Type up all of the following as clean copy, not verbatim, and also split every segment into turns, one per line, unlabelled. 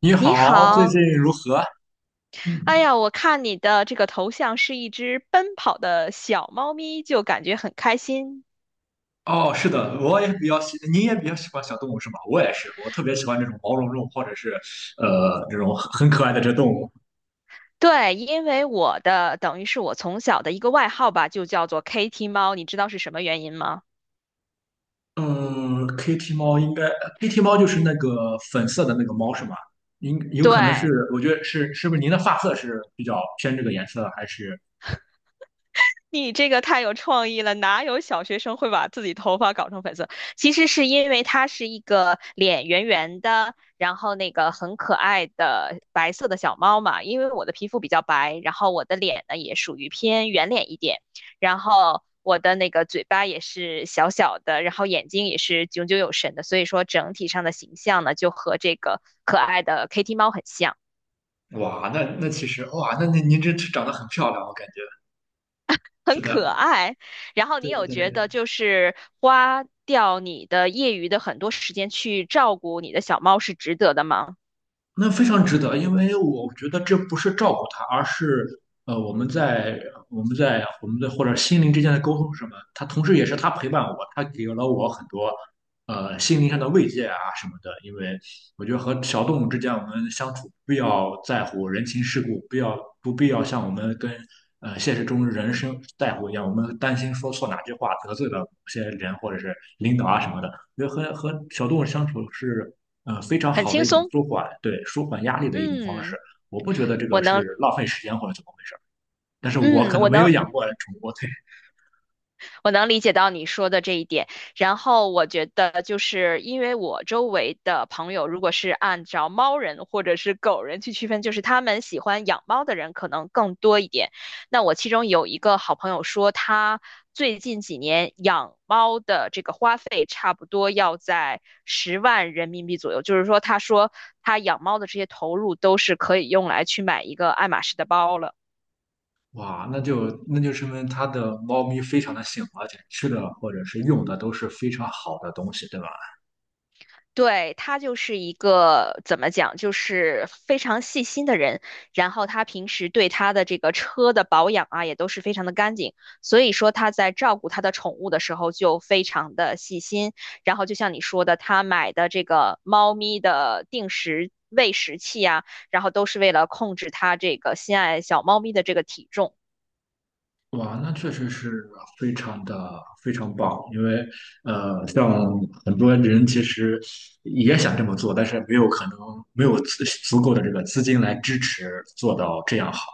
你
你
好，最
好，
近如何？
哎
嗯，
呀，我看你的这个头像是一只奔跑的小猫咪，就感觉很开心。
哦，是的，我也比较喜，您也比较喜欢小动物是吗？我也是，我特别喜欢这种毛茸茸或者是这种很可爱的这动物。
对，因为我的等于是我从小的一个外号吧，就叫做 Kitty 猫，你知道是什么原因吗？
嗯 k i t t y 猫应该，Kitty 猫就是那个粉色的那个猫是吗？应有可能
对，
是，我觉得是，是不是您的发色是比较偏这个颜色，还是？
你这个太有创意了，哪有小学生会把自己头发搞成粉色？其实是因为它是一个脸圆圆的，然后那个很可爱的白色的小猫嘛。因为我的皮肤比较白，然后我的脸呢也属于偏圆脸一点，然后我的那个嘴巴也是小小的，然后眼睛也是炯炯有神的，所以说整体上的形象呢就和这个可爱的 Kitty 猫很像。
哇，那其实哇，那您这长得很漂亮，我感觉是
很
的，
可爱。然后你
对
有
对
觉得
对，
就是花掉你的业余的很多时间去照顾你的小猫是值得的吗？
那非常值得，因为我觉得这不是照顾他，而是呃我们在我们的或者心灵之间的沟通是什么？他同时也是他陪伴我，他给了我很多心灵上的慰藉啊什么的。因为我觉得和小动物之间我们相处不要在乎人情世故，不要不必要像我们跟现实中人生在乎一样，我们担心说错哪句话得罪了某些人或者是领导啊什么的。我觉得和小动物相处是非常
很
好的
轻
一种
松。
舒缓，对，舒缓压力的一种方式。
嗯，
我不觉得这
我
个
能，
是浪费时间或者怎么回事儿，但是我
嗯，
可能
我
没有
能，
养过宠物，对，
我能理解到你说的这一点。然后我觉得，就是因为我周围的朋友，如果是按照猫人或者是狗人去区分，就是他们喜欢养猫的人可能更多一点。那我其中有一个好朋友说，他最近几年养猫的这个花费差不多要在10万人民币左右，就是说，他说他养猫的这些投入都是可以用来去买一个爱马仕的包了。
哇，那就说明它的猫咪非常的幸福，而且吃的或者是用的都是非常好的东西，对吧？
对，他就是一个怎么讲，就是非常细心的人。然后他平时对他的这个车的保养啊，也都是非常的干净。所以说他在照顾他的宠物的时候就非常的细心。然后就像你说的，他买的这个猫咪的定时喂食器啊，然后都是为了控制他这个心爱小猫咪的这个体重。
哇，那确实是非常的非常棒，因为像很多人其实也想这么做，但是没有可能没有足够的这个资金来支持做到这样好。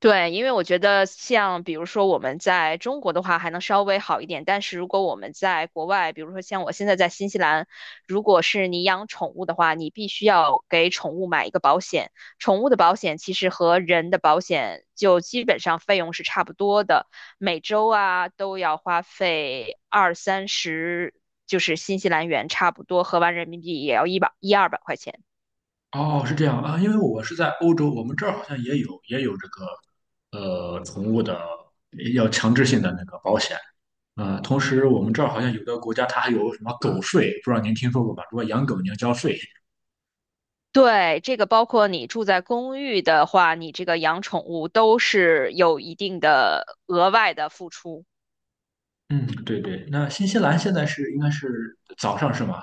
对，因为我觉得像比如说我们在中国的话还能稍微好一点，但是如果我们在国外，比如说像我现在在新西兰，如果是你养宠物的话，你必须要给宠物买一个保险。宠物的保险其实和人的保险就基本上费用是差不多的，每周啊都要花费二三十，就是新西兰元差不多，合完人民币也要100、200块钱。
哦，是这样啊，因为我是在欧洲，我们这儿好像也有这个宠物的要强制性的那个保险。同时我们这儿好像有的国家它还有什么狗税，不知道您听说过吧？如果养狗你要交税。
对，这个包括你住在公寓的话，你这个养宠物都是有一定的额外的付出。
嗯，对对。那新西兰现在是应该是早上是吗？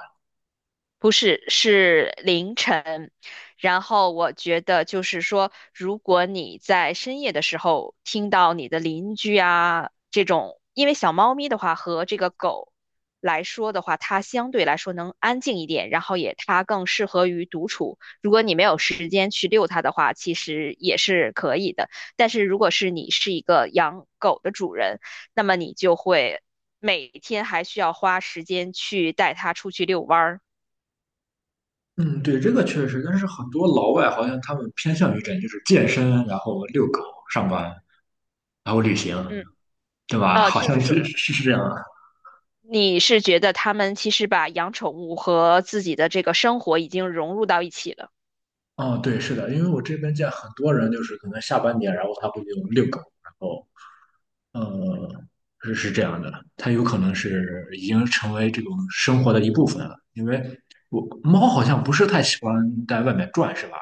不是，是凌晨。然后我觉得就是说，如果你在深夜的时候听到你的邻居啊这种，因为小猫咪的话和这个狗来说的话，它相对来说能安静一点，然后也它更适合于独处。如果你没有时间去遛它的话，其实也是可以的。但是如果是你是一个养狗的主人，那么你就会每天还需要花时间去带它出去遛弯儿。
嗯，对，这个确实，但是很多老外好像他们偏向于这，样，就是健身，然后遛狗、上班，然后旅行，
嗯。
对吧？好
就
像
是说，
是是是这样。啊。
你是觉得他们其实把养宠物和自己的这个生活已经融入到一起了。
哦，对，是的，因为我这边见很多人，就是可能下半年，然后他会就遛狗，然后呃，是是这样的，它有可能是已经成为这种生活的一部分了。因为我猫好像不是太喜欢在外面转，是吧？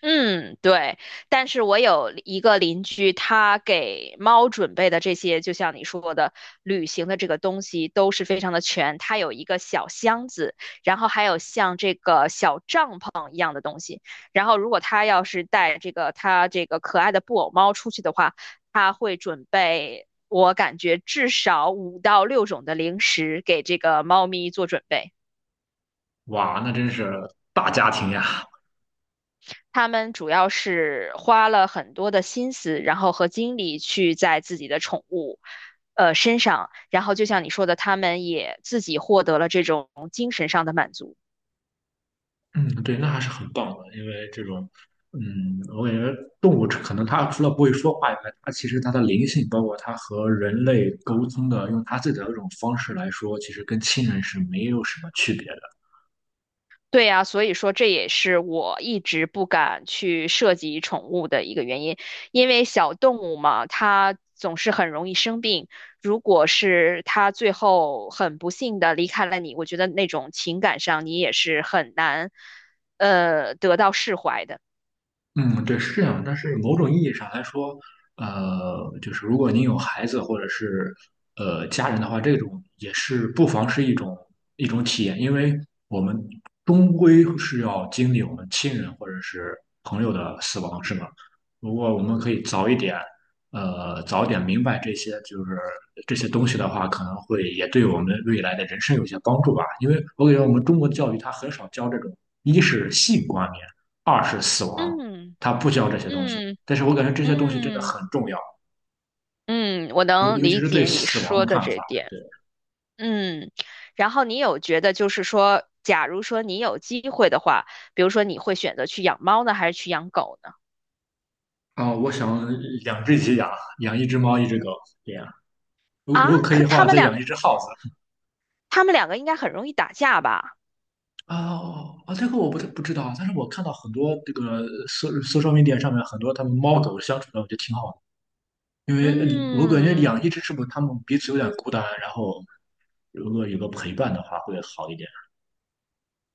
嗯，对。但是我有一个邻居，他给猫准备的这些，就像你说的，旅行的这个东西都是非常的全。他有一个小箱子，然后还有像这个小帐篷。然后如果他要是带这个他这个可爱的布偶猫出去的话，他会准备我感觉至少5到6种的零食给这个猫咪做准备。
哇，那真是大家庭呀！
他们主要是花了很多的心思，然后和精力去在自己的宠物，身上，然后就像你说的，他们也自己获得了这种精神上的满足。
嗯，对，那还是很棒的，因为这种，嗯，我感觉动物可能它除了不会说话以外，它其实它的灵性，包括它和人类沟通的，用它自己的这种方式来说，其实跟亲人是没有什么区别的。
对呀，所以说这也是我一直不敢去涉及宠物的一个原因，因为小动物嘛，它总是很容易生病。如果是它最后很不幸的离开了你，我觉得那种情感上你也是很难，得到释怀的。
嗯，对，是这样。但是某种意义上来说，就是如果您有孩子或者是家人的话，这种也是不妨是一种体验，因为我们终归是要经历我们亲人或者是朋友的死亡，是吗？如果我们可以早一点，早点明白这些就是这些东西的话，可能会也对我们未来的人生有些帮助吧。因为我感觉我们中国的教育它很少教这种，一是性观念，二是死亡。
嗯。
他不教这些东西。
嗯。
但是我感觉这些东西真的
嗯。
很重要，
嗯，我
尤
能
尤其
理
是对
解你
死亡的
说的
看
这
法。
点。
对
嗯，然后你有觉得就是说，假如说你有机会的话，比如说你会选择去养猫呢，还是去养狗呢？
啊，我想两只鸡养，养一只猫，一只狗，这样。如
啊，
果可以
可
的
他
话，
们
再
两，
养一只耗子。
他们两个应该很容易打架吧？
啊哦啊，这个我不知道啊，但是我看到很多这个 social media 上面很多他们猫狗相处的，我觉得挺好的。因为我感觉
嗯。
养一只是不是他们彼此有点孤单，然后如果有个陪伴的话会好一点。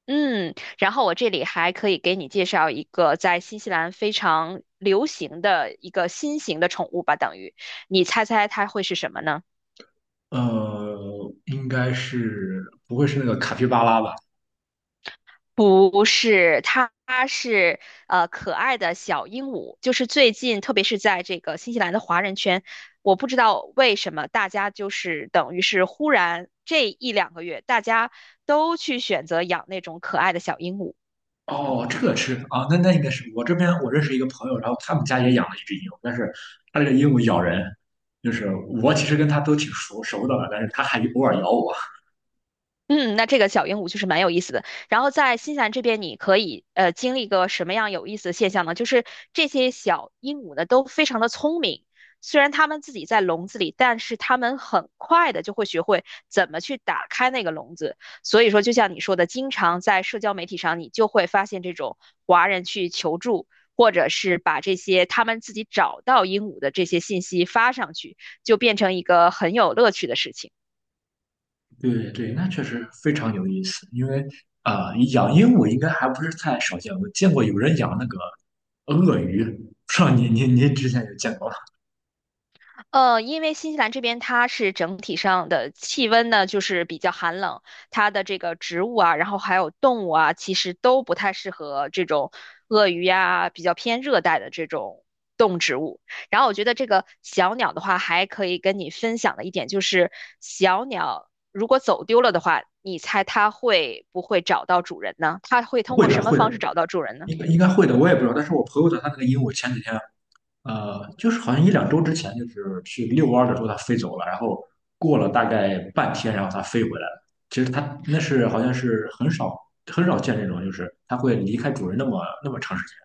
嗯，然后我这里还可以给你介绍一个在新西兰非常流行的一个新型的宠物吧，等于你猜猜它会是什么呢？
应该是不会是那个卡皮巴拉吧？
不是，它是可爱的小鹦鹉，就是最近特别是在这个新西兰的华人圈，我不知道为什么大家就是等于是忽然这1、2个月，大家都去选择养那种可爱的小鹦鹉。
哦，这个吃啊，那应该是我这边我认识一个朋友，然后他们家也养了一只鹦鹉，但是他这个鹦鹉咬人，就是我其实跟他都挺熟熟的了，但是他还偶尔咬我。
嗯，那这个小鹦鹉就是蛮有意思的。然后在新西兰这边，你可以经历一个什么样有意思的现象呢？就是这些小鹦鹉呢都非常的聪明，虽然它们自己在笼子里，但是它们很快的就会学会怎么去打开那个笼子。所以说，就像你说的，经常在社交媒体上，你就会发现这种华人去求助，或者是把这些他们自己找到鹦鹉的这些信息发上去，就变成一个很有乐趣的事情。
对对，那确实非常有意思，因为养鹦鹉应该还不是太少见，我见过有人养那个鳄鱼，不知道您之前有见过吗？
因为新西兰这边它是整体上的气温呢，就是比较寒冷，它的这个植物啊，然后还有动物啊，其实都不太适合这种鳄鱼呀、比较偏热带的这种动植物。然后我觉得这个小鸟的话，还可以跟你分享的一点就是，小鸟如果走丢了的话，你猜它会不会找到主人呢？它会通
会
过
的
什么
会的，
方式找到主人呢？
应该应该会的，我也不知道，但是我朋友的他那个鹦鹉前几天就是好像一两周之前，就是去遛弯儿的时候它飞走了，然后过了大概半天，然后它飞回来了。其实它那是好像是很少很少见这种，就是它会离开主人那么那么长时间。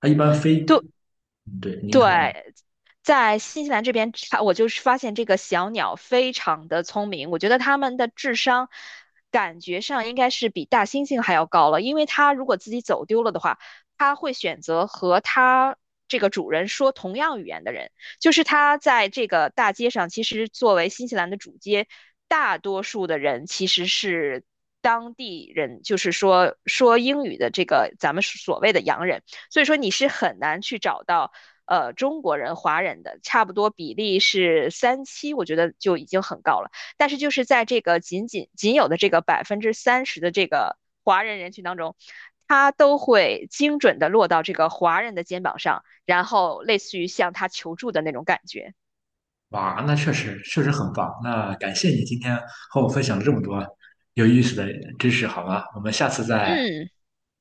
它一般飞，嗯对，您
对，
说，
在新西兰这边，我就是发现这个小鸟非常的聪明，我觉得它们的智商感觉上应该是比大猩猩还要高了，因为它如果自己走丢了的话，它会选择和它这个主人说同样语言的人，就是它在这个大街上，其实作为新西兰的主街，大多数的人其实是。当地人就是说英语的这个咱们所谓的洋人，所以说你是很难去找到。中国人、华人的，差不多比例是3:7，我觉得就已经很高了。但是就是在这个仅仅有的这个30%的这个华人人群当中，他都会精准的落到这个华人的肩膀上，然后类似于向他求助的那种感觉。
哇，那确实确实很棒。那感谢你今天和我分享了这么多有意思的知识，好吗？我们下次再
嗯，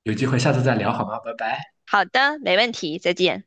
有机会，下次再聊好吗？拜拜。
好的，没问题，再见。